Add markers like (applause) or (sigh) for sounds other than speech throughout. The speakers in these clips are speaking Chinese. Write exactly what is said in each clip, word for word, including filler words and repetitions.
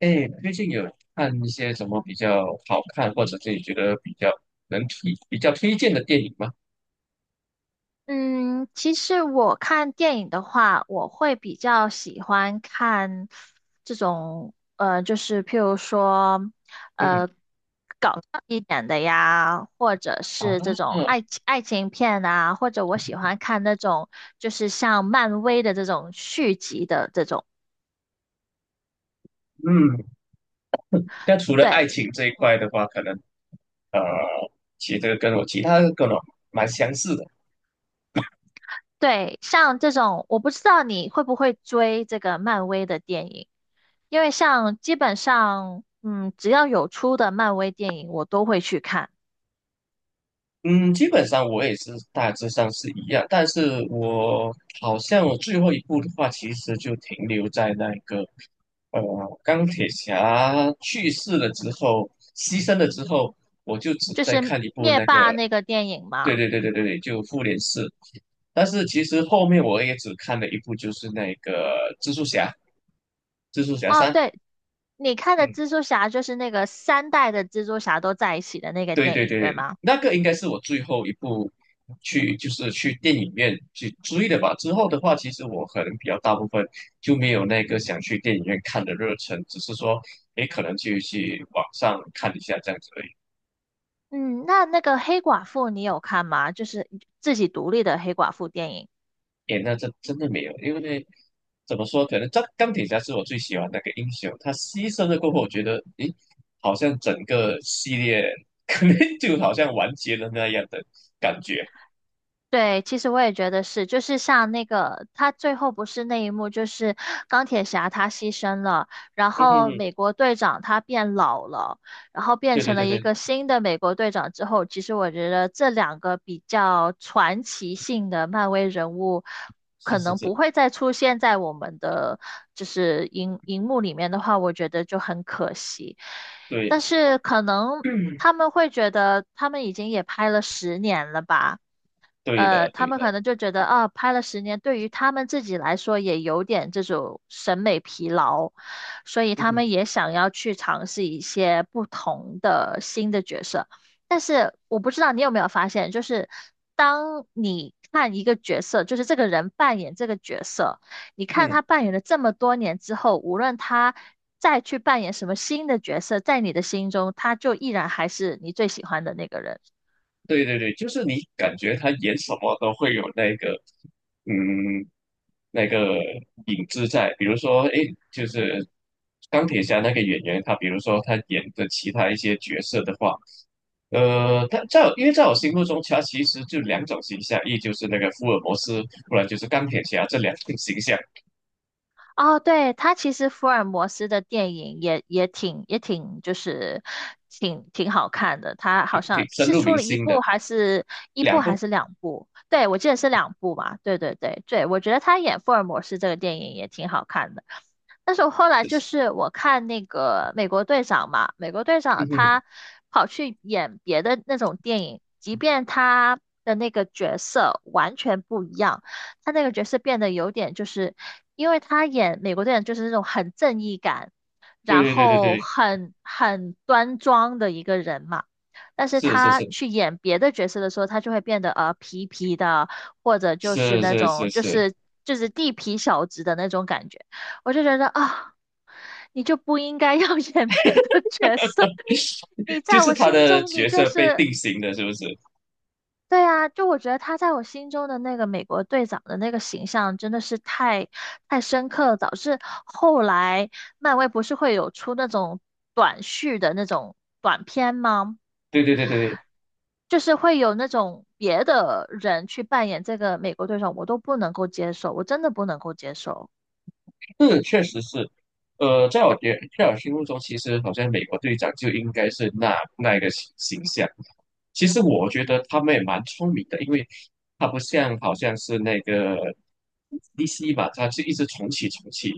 哎，最近有看一些什么比较好看，或者自己觉得比较能推、比较推荐的电影吗？嗯，其实我看电影的话，我会比较喜欢看这种，呃，就是譬如说，嗯呃，搞笑一点的呀，或者啊，是这种爱情爱情片啊，或者我喜欢看那种就是像漫威的这种续集的这种。嗯，那除了爱对情这一块的话，可能呃，其实这个跟我其他的跟我蛮相似的。对，像这种，我不知道你会不会追这个漫威的电影。因为像基本上，嗯，只要有出的漫威电影，我都会去看。嗯，基本上我也是大致上是一样，但是我好像我最后一部的话，其实就停留在那个呃钢铁侠去世了之后，牺牲了之后，我就只就在是看一部灭那个，霸那个电影对嘛。对对对对对，就复联四。但是其实后面我也只看了一部，就是那个蜘蛛侠，蜘蛛侠哦，三，对，你看的蜘嗯蛛侠就是那个三代的蜘蛛侠都在一起的那个对电对影，对，对吗？那个应该是我最后一部去，就是去电影院去追的吧。之后的话，其实我可能比较大部分就没有那个想去电影院看的热忱，只是说，诶，可能就去网上看一下这样子而已。嗯，那那个黑寡妇你有看吗？就是自己独立的黑寡妇电影。诶，那这真的没有，因为怎么说，可能钢钢铁侠是我最喜欢那个英雄，他牺牲了过后，我觉得，诶，好像整个系列 (laughs) 可能就好像完结了那样的感觉。对，其实我也觉得是，就是像那个他最后不是那一幕，就是钢铁侠他牺牲了，然嗯哼后哼，美国队长他变老了，然后变对对成对了一对，个新的美国队长之后，其实我觉得这两个比较传奇性的漫威人物，是可是能是，不会再出现在我们的就是荧荧幕里面的话，我觉得就很可惜。对。但是可 (clears throat) 能嗯，他们会觉得他们已经也拍了十年了吧。对呃，的，他对们的，可能就觉得啊，拍了十年，对于他们自己来说也有点这种审美疲劳，所以他们嗯也想要去尝试一些不同的新的角色。但是我不知道你有没有发现，就是当你看一个角色，就是这个人扮演这个角色，你看嗯，他扮演了这么多年之后，无论他再去扮演什么新的角色，在你的心中，他就依然还是你最喜欢的那个人。对对对，就是你感觉他演什么都会有那个，嗯，那个影子在。比如说，诶，就是钢铁侠那个演员，他比如说他演的其他一些角色的话，呃，他在我因为在我心目中，他其实就两种形象，一就是那个福尔摩斯，不然就是钢铁侠这两种形象，哦，对，他其实福尔摩斯的电影也也挺也挺就是挺挺好看的，他挺好像挺深是入出民了一心部的，还是一部两还部，是 (laughs) 两部？对，我记得是两部嘛。对对对对，我觉得他演福尔摩斯这个电影也挺好看的。但是我后来就是我看那个美国队长嘛，美国队嗯长哼，他跑去演别的那种电影，即便他的那个角色完全不一样，他那个角色变得有点就是，因为他演美国队长就是那种很正义感，对然对对对后对，很很端庄的一个人嘛。但是是是他是去演别的角色的时候，他就会变得呃皮皮的，或者就是是那是是种就是。是就是地痞小子的那种感觉。我就觉得啊、你就不应该要 (laughs) 演别的角色，你 (laughs) 就在是我他心的中你角就色被是定型了，是不是？对啊，就我觉得他在我心中的那个美国队长的那个形象真的是太太深刻了，导致后来漫威不是会有出那种短续的那种短片吗？对对对对就是会有那种别的人去扮演这个美国队长，我都不能够接受，我真的不能够接受。对，是确实是。呃，在我觉在我心目中，其实好像美国队长就应该是那那一个形形象。其实我觉得他们也蛮聪明的，因为他不像好像是那个 D C 吧，他是一直重启重启，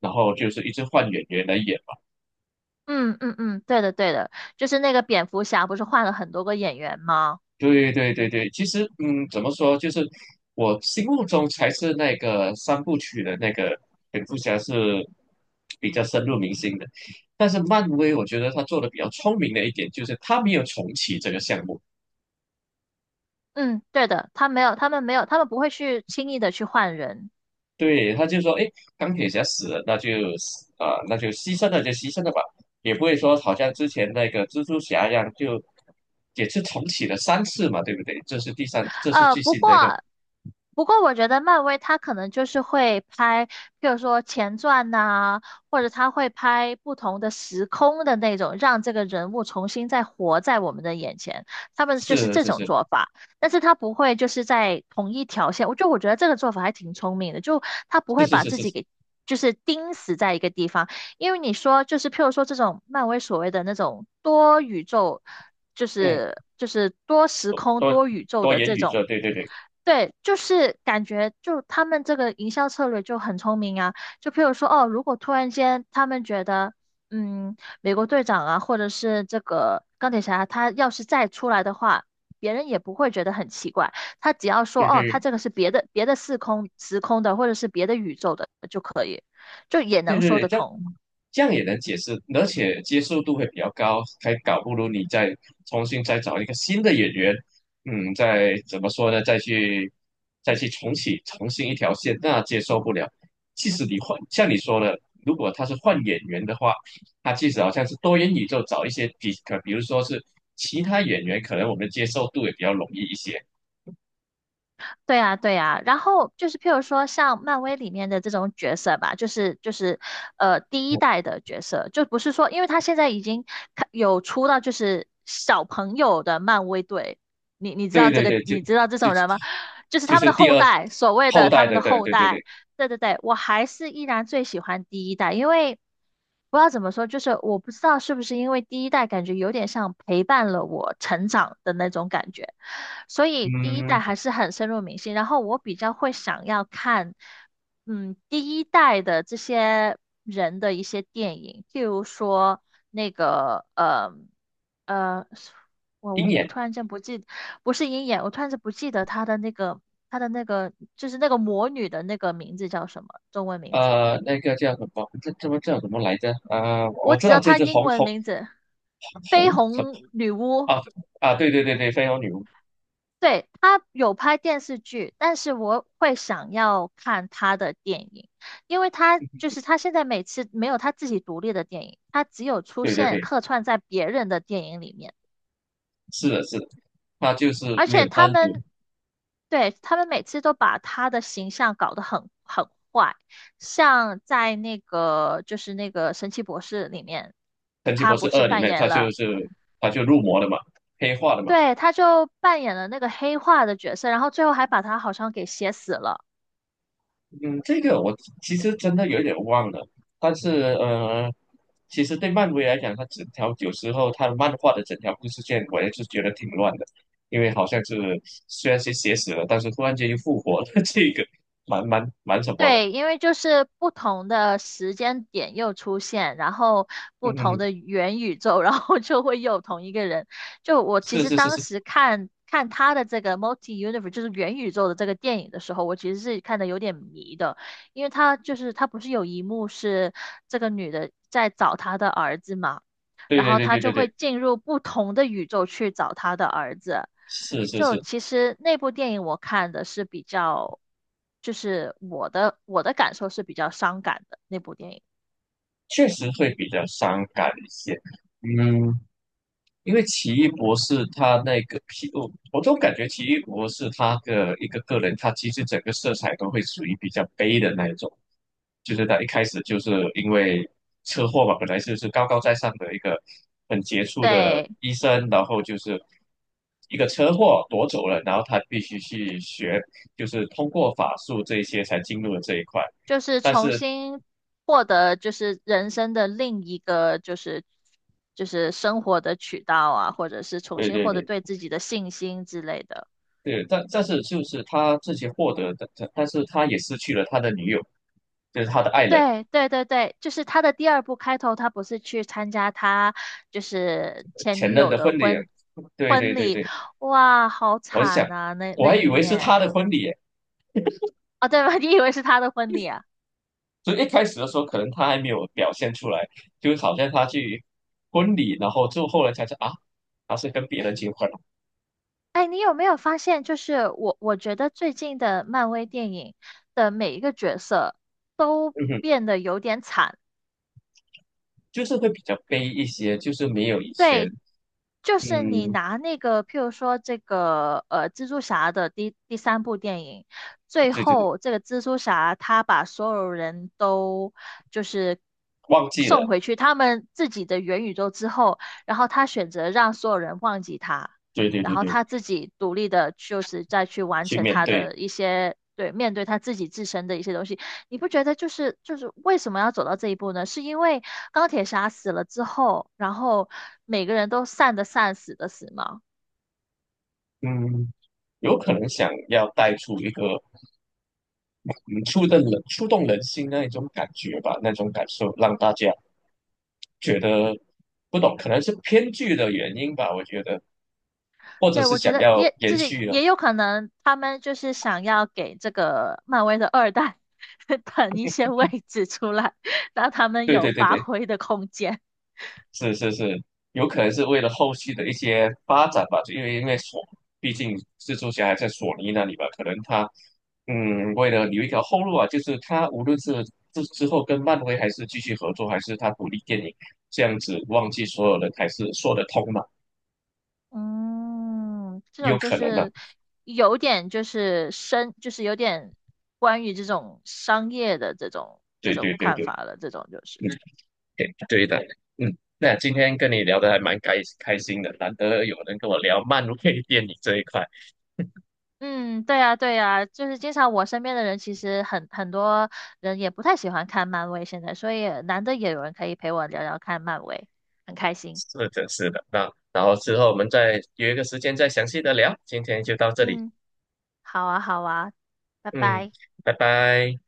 然后就是一直换演员来演，嗯嗯嗯，对的对的，就是那个蝙蝠侠不是换了很多个演员吗？对对对对，其实嗯，怎么说，就是我心目中才是那个三部曲的那个蝙蝠侠是比较深入民心的，但是漫威我觉得他做的比较聪明的一点就是他没有重启这个项目，嗯，对的，他没有，他们没有，他们不会去轻易的去换人。对，他就说，哎，钢铁侠死了，那就死啊、那就牺牲了就牺牲了吧，也不会说好像之前那个蜘蛛侠一样就也是重启了三次嘛，对不对？这是第三，这是呃，最不新过的一个，不过我觉得漫威它可能就是会拍，比如说前传呐、或者它会拍不同的时空的那种，让这个人物重新再活在我们的眼前。他们就是是这是种是做法，但是他不会就是在同一条线。我就我觉得这个做法还挺聪明的，就他不是会是把是自己是，给就是钉死在一个地方，因为你说就是譬如说这种漫威所谓的那种多宇宙，就嗯是就是多时空多多宇宙多的元这宇种，宙，对对对对，就是感觉就他们这个营销策略就很聪明啊。就譬如说哦，如果突然间他们觉得，嗯，美国队长啊，或者是这个钢铁侠，他要是再出来的话。别人也不会觉得很奇怪，他只要说对哦，他对这个是别的别的四空时空的，或者是别的宇宙的就可以。就也对能对说对，得这样通。这样也能解释，而且接受度会比较高，还搞不如你再重新再找一个新的演员，嗯，再怎么说呢，再去再去重启重新一条线，那接受不了。即使你换，像你说的，如果他是换演员的话，他即使好像是多元宇宙找一些比，可比如说是其他演员，可能我们接受度也比较容易一些。对呀，对呀，然后就是譬如说像漫威里面的这种角色吧，就是就是呃第一代的角色，就不是说，因为他现在已经开有出到就是小朋友的漫威队，你你知对道这对个，对，就你知道这就种人吗？就是就他们是的第后二代，所谓后的他代们的，的对后对对代，对，对对对，我还是依然最喜欢第一代，因为不知道怎么说，就是我不知道是不是因为第一代感觉有点像陪伴了我成长的那种感觉。所以第一代嗯，还是很深入民心。然后我比较会想要看，嗯，第一代的这些人的一些电影，譬如说那个，呃，呃，我我鹰我眼，突然间不记，不是鹰眼，我突然间不记得他的那个他的那个就是那个魔女的那个名字叫什么中文名字，呃，那个叫什么？这这么叫什么来着？啊，我我知只道要这她只英红文红名字，绯红什么红女巫。啊啊，对对对对，飞龙女巫，对，他有拍电视剧，但是我会想要看他的电影，因为他就是他现在每次没有他自己独立的电影，他只有出对对现对，客串在别人的电影里面，是的，是的，它就是而没且有他单独们对他们每次都把他的形象搞得很很坏，像在那个就是那个神奇博士里面，《神奇他博士不是二》里扮面，演它就了，是它就入魔了嘛，黑化了嘛。对，他就扮演了那个黑化的角色，然后最后还把他好像给写死了。嗯，这个我其实真的有点忘了，但是呃，其实对漫威来讲，它整条有时候它漫画的整条故事线，我也是觉得挺乱的，因为好像是虽然是写死了，但是突然间又复活了，(laughs) 这个蛮蛮蛮什么的，对，因为就是不同的时间点又出现，然后嗯不嗯同嗯，的元宇宙，(laughs) 然后就会又有同一个人。就我其是实是是当是，时看看他的这个 Multi Universe，就是元宇宙的这个电影的时候，我其实是看的有点迷的，因为他就是他不是有一幕是这个女的在找她的儿子嘛，对然对后对他对就对会对，进入不同的宇宙去找他的儿子。是是就是，其实那部电影我看的是比较，就是我的我的感受是比较伤感的那部电影。确实会比较伤感一些，嗯，因为奇异博士他那个皮，我我总感觉奇异博士他的一个个人，他其实整个色彩都会属于比较悲的那一种，就是他一开始就是因为车祸嘛，本来就是高高在上的一个很杰出的对，医生，然后就是一个车祸夺走了，然后他必须去学，就是通过法术这一些才进入了这一块，就是但重是新获得就是人生的另一个就是就是生活的渠道啊，或者是重对新对获得对对自己的信心之类的。对，但但是就是他自己获得的，但但是他也失去了他的女友。就是他的爱人对对对对，就是他的第二部开头，他不是去参加他就是前前女任友的的婚礼。婚对对婚对礼，对，哇，好我想惨啊，那我那还以一为是他面的婚礼耶，啊，对吧？(laughs) 你以为是他的婚礼啊？所以一开始的时候可能他还没有表现出来，就好像他去婚礼，然后就后来才知道啊，他是跟别人结婚了。哎，你有没有发现，就是我我觉得最近的漫威电影的每一个角色都嗯哼，变得有点惨。就是会比较悲一些，就是没有以前，对，就是你嗯，拿那个，譬如说这个呃，蜘蛛侠的第第三部电影，最对对对，后这个蜘蛛侠他把所有人都就是忘记了，送回去他们自己的元宇宙之后，然后他选择让所有人忘记他，对对然对后对，他自己独立的，就是再去完去成面他对，的一些。对，面对他自己自身的一些东西，你不觉得就是就是为什么要走到这一步呢？是因为钢铁侠死了之后，然后每个人都散的散，死的死吗？嗯，有可能想要带出一个嗯触动人触动人心那一种感觉吧，那种感受让大家觉得不懂，可能是偏剧的原因吧，我觉得，或者对，是我觉想得要也延就是续了。也有可能，他们就是想要给这个漫威的二代 (laughs) 腾一些位置出来，让他们对有对对发对，挥的空间。是是是，有可能是为了后续的一些发展吧，就因为因为索，毕竟蜘蛛侠还在索尼那里吧，可能他嗯，为了留一条后路啊，就是他无论是之之后跟漫威还是继续合作，还是他独立电影这样子，忘记所有人还是说得通嘛，嗯，这也有种就可能的。是有点就是深，就是有点关于这种商业的这种这对对种对看对，法了，这种就是。嗯。对对的，嗯，那今天跟你聊得还蛮开开心的，难得有人跟我聊漫威电影这一块，嗯，对呀，对呀，就是经常我身边的人，其实很很多人也不太喜欢看漫威，现在，所以难得也有人可以陪我聊聊看漫威，很开心。是的，是的。那然后之后我们再约一个时间再详细的聊，今天就到这里，嗯，好啊，好啊，拜嗯，拜。拜拜。